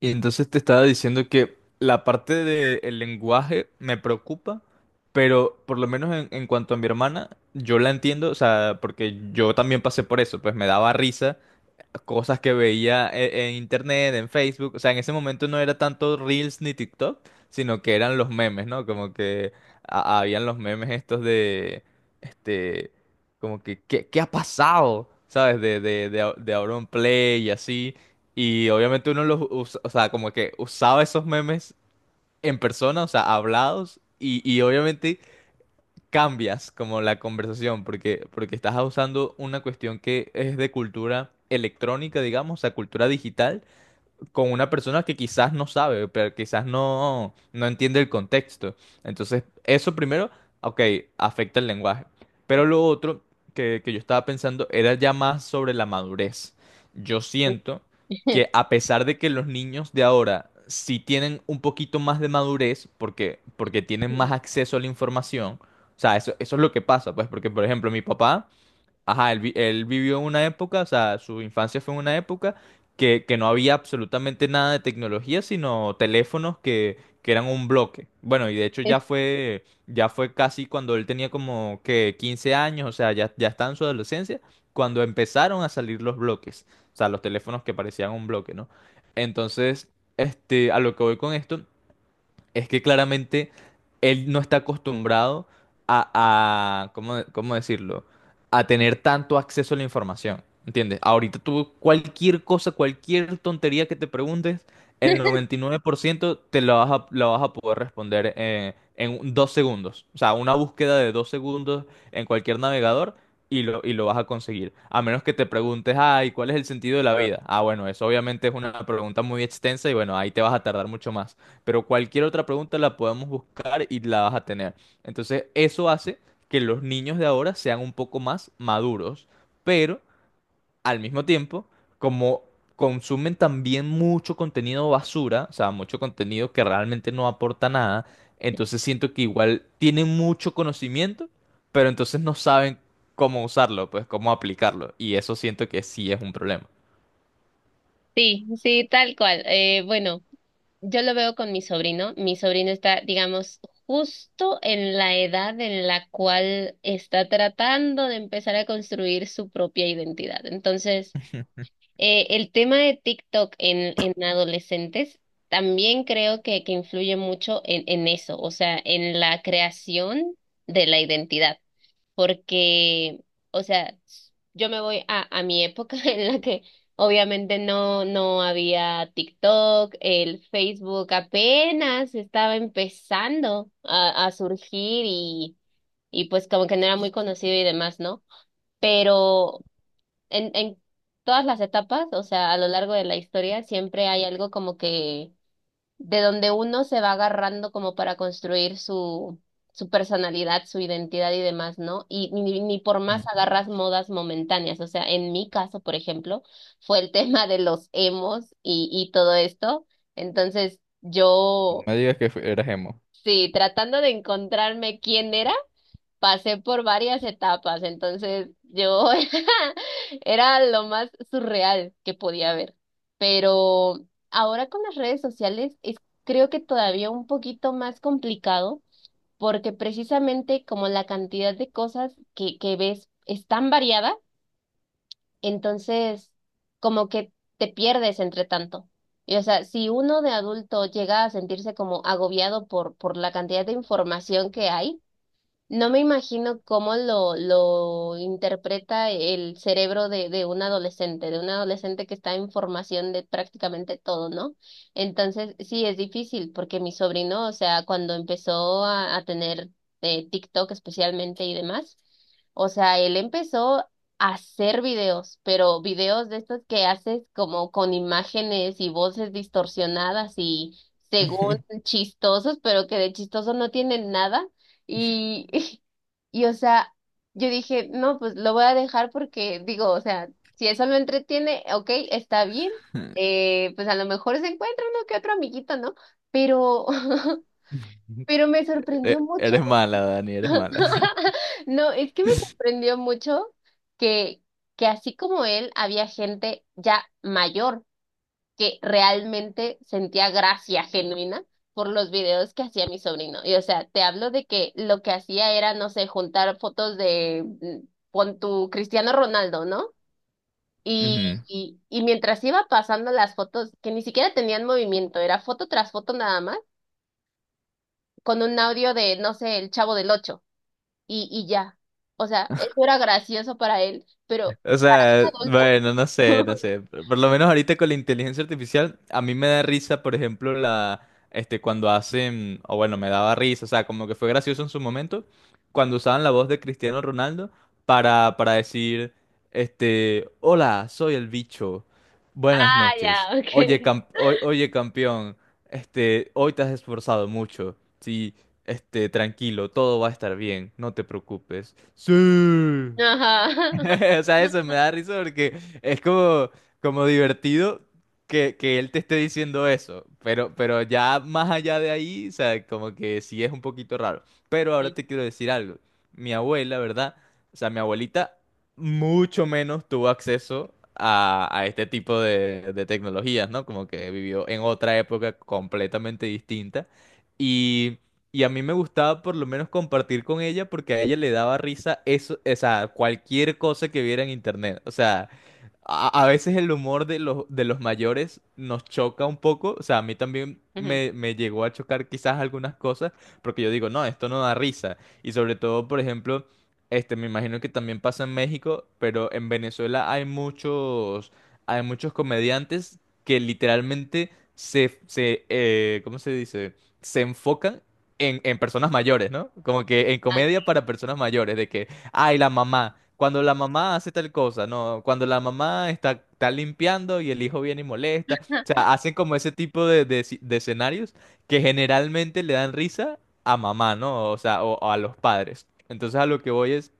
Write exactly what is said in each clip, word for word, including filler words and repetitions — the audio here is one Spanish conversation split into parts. Y entonces te estaba diciendo que la parte del lenguaje me preocupa, pero por lo menos en, en cuanto a mi hermana, yo la entiendo, o sea, porque yo también pasé por eso, pues me daba risa cosas que veía e- en, internet, en Facebook. O sea, en ese momento no era tanto Reels ni TikTok, sino que eran los memes, ¿no? Como que a- habían los memes estos de, este, como que, ¿qué, qué ha pasado? ¿Sabes? De, de, de, Au- de Auron Play y así. Y obviamente uno los usa, o sea, como que usaba esos memes en persona, o sea, hablados. Y, y obviamente cambias como la conversación porque, porque estás usando una cuestión que es de cultura electrónica, digamos, a cultura digital con una persona que quizás no sabe, pero quizás no, no entiende el contexto. Entonces, eso primero, ok, afecta el lenguaje. Pero lo otro que, que yo estaba pensando era ya más sobre la madurez. Yo siento que a pesar de que los niños de ahora sí tienen un poquito más de madurez, porque, porque tienen más acceso a la información, o sea, eso, eso es lo que pasa, pues, porque, por ejemplo, mi papá. Ajá, él, vi- él vivió en una época, o sea, su infancia fue en una época que, que no había absolutamente nada de tecnología, sino teléfonos que, que eran un bloque. Bueno, y de hecho ya Es- fue, ya fue casi cuando él tenía como que quince años, o sea, ya, ya estaba en su adolescencia, cuando empezaron a salir los bloques, o sea, los teléfonos que parecían un bloque, ¿no? Entonces, este, a lo que voy con esto es que claramente él no está acostumbrado a, a- ¿cómo, cómo decirlo? A tener tanto acceso a la información, ¿entiendes? Ahorita tú cualquier cosa, cualquier tontería que te preguntes, el noventa y nueve por ciento te la vas a, la vas a poder responder, eh, en un- dos segundos. O sea, una búsqueda de dos segundos en cualquier navegador y lo, y lo vas a conseguir. A menos que te preguntes, ay, ¿cuál es el sentido de la vida? Ah, bueno, eso obviamente es una pregunta muy extensa y bueno, ahí te vas a tardar mucho más, pero cualquier otra pregunta la podemos buscar y la vas a tener. Entonces, eso hace que los niños de ahora sean un poco más maduros, pero al mismo tiempo, como consumen también mucho contenido basura, o sea, mucho contenido que realmente no aporta nada, entonces siento que igual tienen mucho conocimiento, pero entonces no saben cómo usarlo, pues cómo aplicarlo, y eso siento que sí es un problema. Sí, sí, tal cual. Eh, bueno, yo lo veo con mi sobrino. Mi sobrino está, digamos, justo en la edad en la cual está tratando de empezar a construir su propia identidad. Entonces, eh, el tema de TikTok en, en adolescentes también creo que, que influye mucho en, en eso, o sea, en la creación de la identidad, porque, o sea, yo me voy a, a mi época en la que obviamente no, no había TikTok, el Facebook apenas estaba empezando a, a surgir y, y pues como que no era muy conocido y demás, ¿no? Pero en, en todas las etapas, o sea, a lo largo de la historia, siempre hay algo como que de donde uno se va agarrando como para construir su, su personalidad, su identidad y demás, ¿no? Y ni, ni por más agarras modas momentáneas. O sea, en mi caso, por ejemplo, fue el tema de los emos y, y todo esto. Entonces, No yo, me digas que fu- eras emo. sí, tratando de encontrarme quién era, pasé por varias etapas, entonces yo era lo más surreal que podía ver. Pero ahora con las redes sociales es, creo que, todavía un poquito más complicado porque precisamente como la cantidad de cosas que, que ves es tan variada, entonces como que te pierdes entre tanto. Y, o sea, si uno de adulto llega a sentirse como agobiado por, por la cantidad de información que hay, no me imagino cómo lo, lo interpreta el cerebro de, de un adolescente, de un adolescente que está en formación de prácticamente todo, ¿no? Entonces, sí, es difícil porque mi sobrino, o sea, cuando empezó a, a tener eh, TikTok especialmente y demás, o sea, él empezó a hacer videos, pero videos de estos que haces como con imágenes y voces distorsionadas y según chistosos, pero que de chistoso no tienen nada. Y, y, o sea, yo dije, no, pues lo voy a dejar porque digo, o sea, si eso lo entretiene, ok, está bien, eh, pues a lo mejor se encuentra uno que otro amiguito, ¿no? Pero, pero me sorprendió E- mucho, Eres mala, Dani, eres mala. no, es que me sorprendió mucho que, que así como él, había gente ya mayor que realmente sentía gracia genuina por los videos que hacía mi sobrino. Y o sea, te hablo de que lo que hacía era, no sé, juntar fotos de, mm, pon tu Cristiano Ronaldo, ¿no? Y, Ujú. y, y mientras iba pasando las fotos, que ni siquiera tenían movimiento, era foto tras foto nada más, con un audio de, no sé, el Chavo del Ocho, y, y ya. O sea, eso era gracioso para él, pero O sea, adulto. bueno, no sé, no sé. Por, por lo menos ahorita con la inteligencia artificial, a mí me da risa, por ejemplo, la, este, cuando hacen, o bueno, me daba risa, o sea, como que fue gracioso en su momento, cuando usaban la voz de Cristiano Ronaldo para, para decir, este, hola, soy el bicho, buenas Ah, noches, ya, ok. oye, cam- o- oye, campeón, este, hoy te has esforzado mucho, sí, este, tranquilo, todo va a estar bien, no te preocupes. Sí. Ajá. O sea, eso me da risa porque es como, como divertido que, que él te esté diciendo eso, pero, pero ya más allá de ahí, o sea, como que sí es un poquito raro. Pero ahora te quiero decir algo. Mi abuela, ¿verdad? O sea, mi abuelita mucho menos tuvo acceso a, a este tipo de, de tecnologías, ¿no? Como que vivió en otra época completamente distinta. Y a mí me gustaba por lo menos compartir con ella porque a ella le daba risa eso, o sea, cualquier cosa que viera en internet. O sea, a, a veces el humor de los, de los mayores nos choca un poco. O sea, a mí también Ujú. me, me llegó a chocar quizás algunas cosas porque yo digo, no, esto no da risa. Y sobre todo, por ejemplo, este, me imagino que también pasa en México, pero en Venezuela hay muchos, hay muchos comediantes que literalmente se, se, eh, ¿cómo se dice? Se enfocan en, en personas mayores, ¿no? Como que en Ah, comedia para personas mayores, de que, ay, la mamá, cuando la mamá hace tal cosa, no, cuando la mamá está, está limpiando y el hijo viene y molesta, o sea, hacen como ese tipo de, de, esci- de escenarios que generalmente le dan risa a mamá, ¿no? O sea, o, o a los padres. Entonces a lo que voy es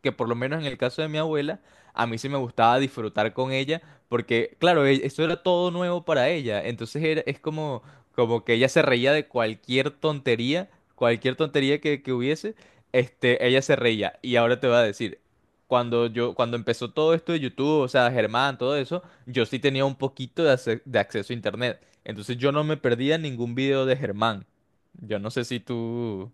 que por lo menos en el caso de mi abuela, a mí sí me gustaba disfrutar con ella, porque claro, e- eso era todo nuevo para ella, entonces era, es como, como que ella se reía de cualquier tontería, cualquier tontería que, que hubiese, este, ella se reía, y ahora te voy a decir, cuando yo, cuando empezó todo esto de YouTube, o sea, Germán, todo eso, yo sí tenía un poquito de, ace- de acceso a internet, entonces yo no me perdía ningún video de Germán, yo no sé si tú,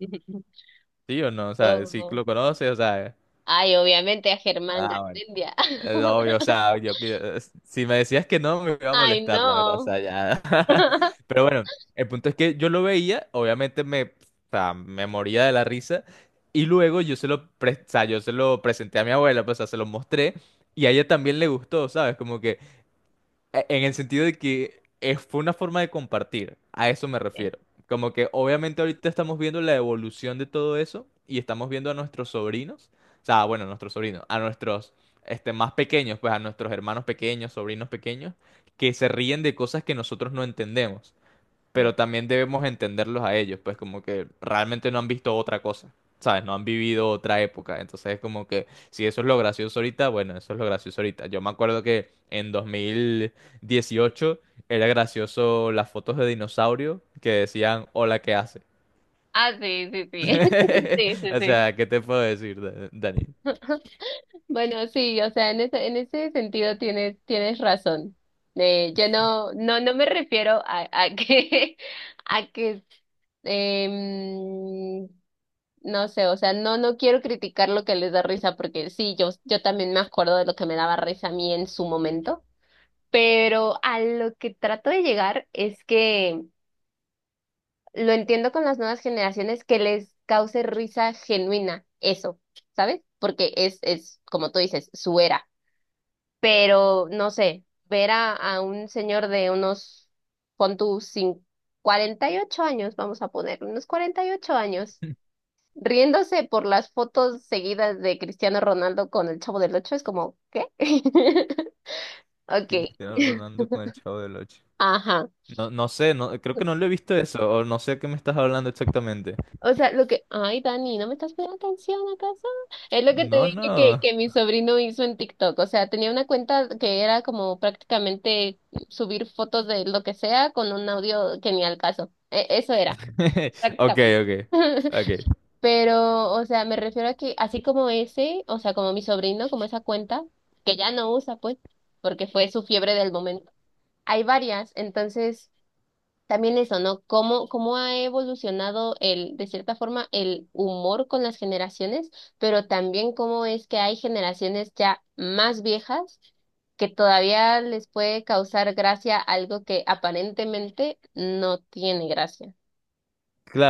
sí o no, o sea, si Oh. lo conoces, o sea... Ay, obviamente a Germán Ah, Garmendia. Eh, no, obvio, o sea, yo, que- si me decías que no, me iba a Ay, molestar, la verdad, o no. sea, ya. Pero bueno, el punto es que yo lo veía, obviamente me, o sea, me moría de la risa, y luego yo se lo, pre- o sea, yo se lo presenté a mi abuela, pues, o sea, se lo mostré, y a ella también le gustó, ¿sabes? Como que, e- En el sentido de que eh, fue una forma de compartir, a eso me Sí, refiero. Como que obviamente ahorita estamos viendo la evolución de todo eso y estamos viendo a nuestros sobrinos, o sea, bueno, a nuestros sobrinos, a nuestros este, más pequeños, pues a nuestros hermanos pequeños, sobrinos pequeños, que se ríen de cosas que nosotros no entendemos, sí. pero también debemos entenderlos a ellos, pues como que realmente no han visto otra cosa, ¿sabes? No han vivido otra época, entonces es como que si eso es lo gracioso ahorita, bueno, eso es lo gracioso ahorita. Yo me acuerdo que en dos mil dieciocho era gracioso las fotos de dinosaurio que decían, hola, ¿qué hace? Ah, sí, sí, sí. Sí, sí, O sí. sea, ¿qué te puedo decir, Da- Dani? Bueno, sí, o sea, en ese, en ese sentido tienes, tienes razón. Eh, yo no, no, no me refiero a, a que, a que, em, no sé, o sea, no, no quiero criticar lo que les da risa, porque sí, yo, yo también me acuerdo de lo que me daba risa a mí en su momento, pero a lo que trato de llegar es que lo entiendo con las nuevas generaciones que les cause risa genuina, eso, ¿sabes? Porque es, es, como tú dices, su era. Pero, no sé, ver a, a un señor de unos, pon tú, cin- cuarenta y ocho años, vamos a poner, unos cuarenta y ocho años, riéndose por las fotos seguidas de Cristiano Ronaldo con el Chavo del Ocho, es como, ¿qué? Ok, Cristiano Ronaldo con el Chavo del Ocho. ajá. No, no sé, no, creo que no lo he visto eso, o no sé a qué me estás hablando exactamente. O sea, lo que, ay, Dani, ¿no me estás poniendo atención acaso? Es lo que te No, dije que, no. que mi sobrino hizo en TikTok. O sea, tenía una cuenta que era como prácticamente subir fotos de lo que sea con un audio que ni al caso. E- eso era, Ok, prácticamente. ok, ok. Pero, o sea, me refiero a que así como ese, o sea, como mi sobrino, como esa cuenta, que ya no usa, pues, porque fue su fiebre del momento. Hay varias, entonces. También eso, ¿no? ¿Cómo, cómo ha evolucionado el, de cierta forma, el humor con las generaciones, pero también cómo es que hay generaciones ya más viejas que todavía les puede causar gracia algo que aparentemente no tiene gracia? Claro.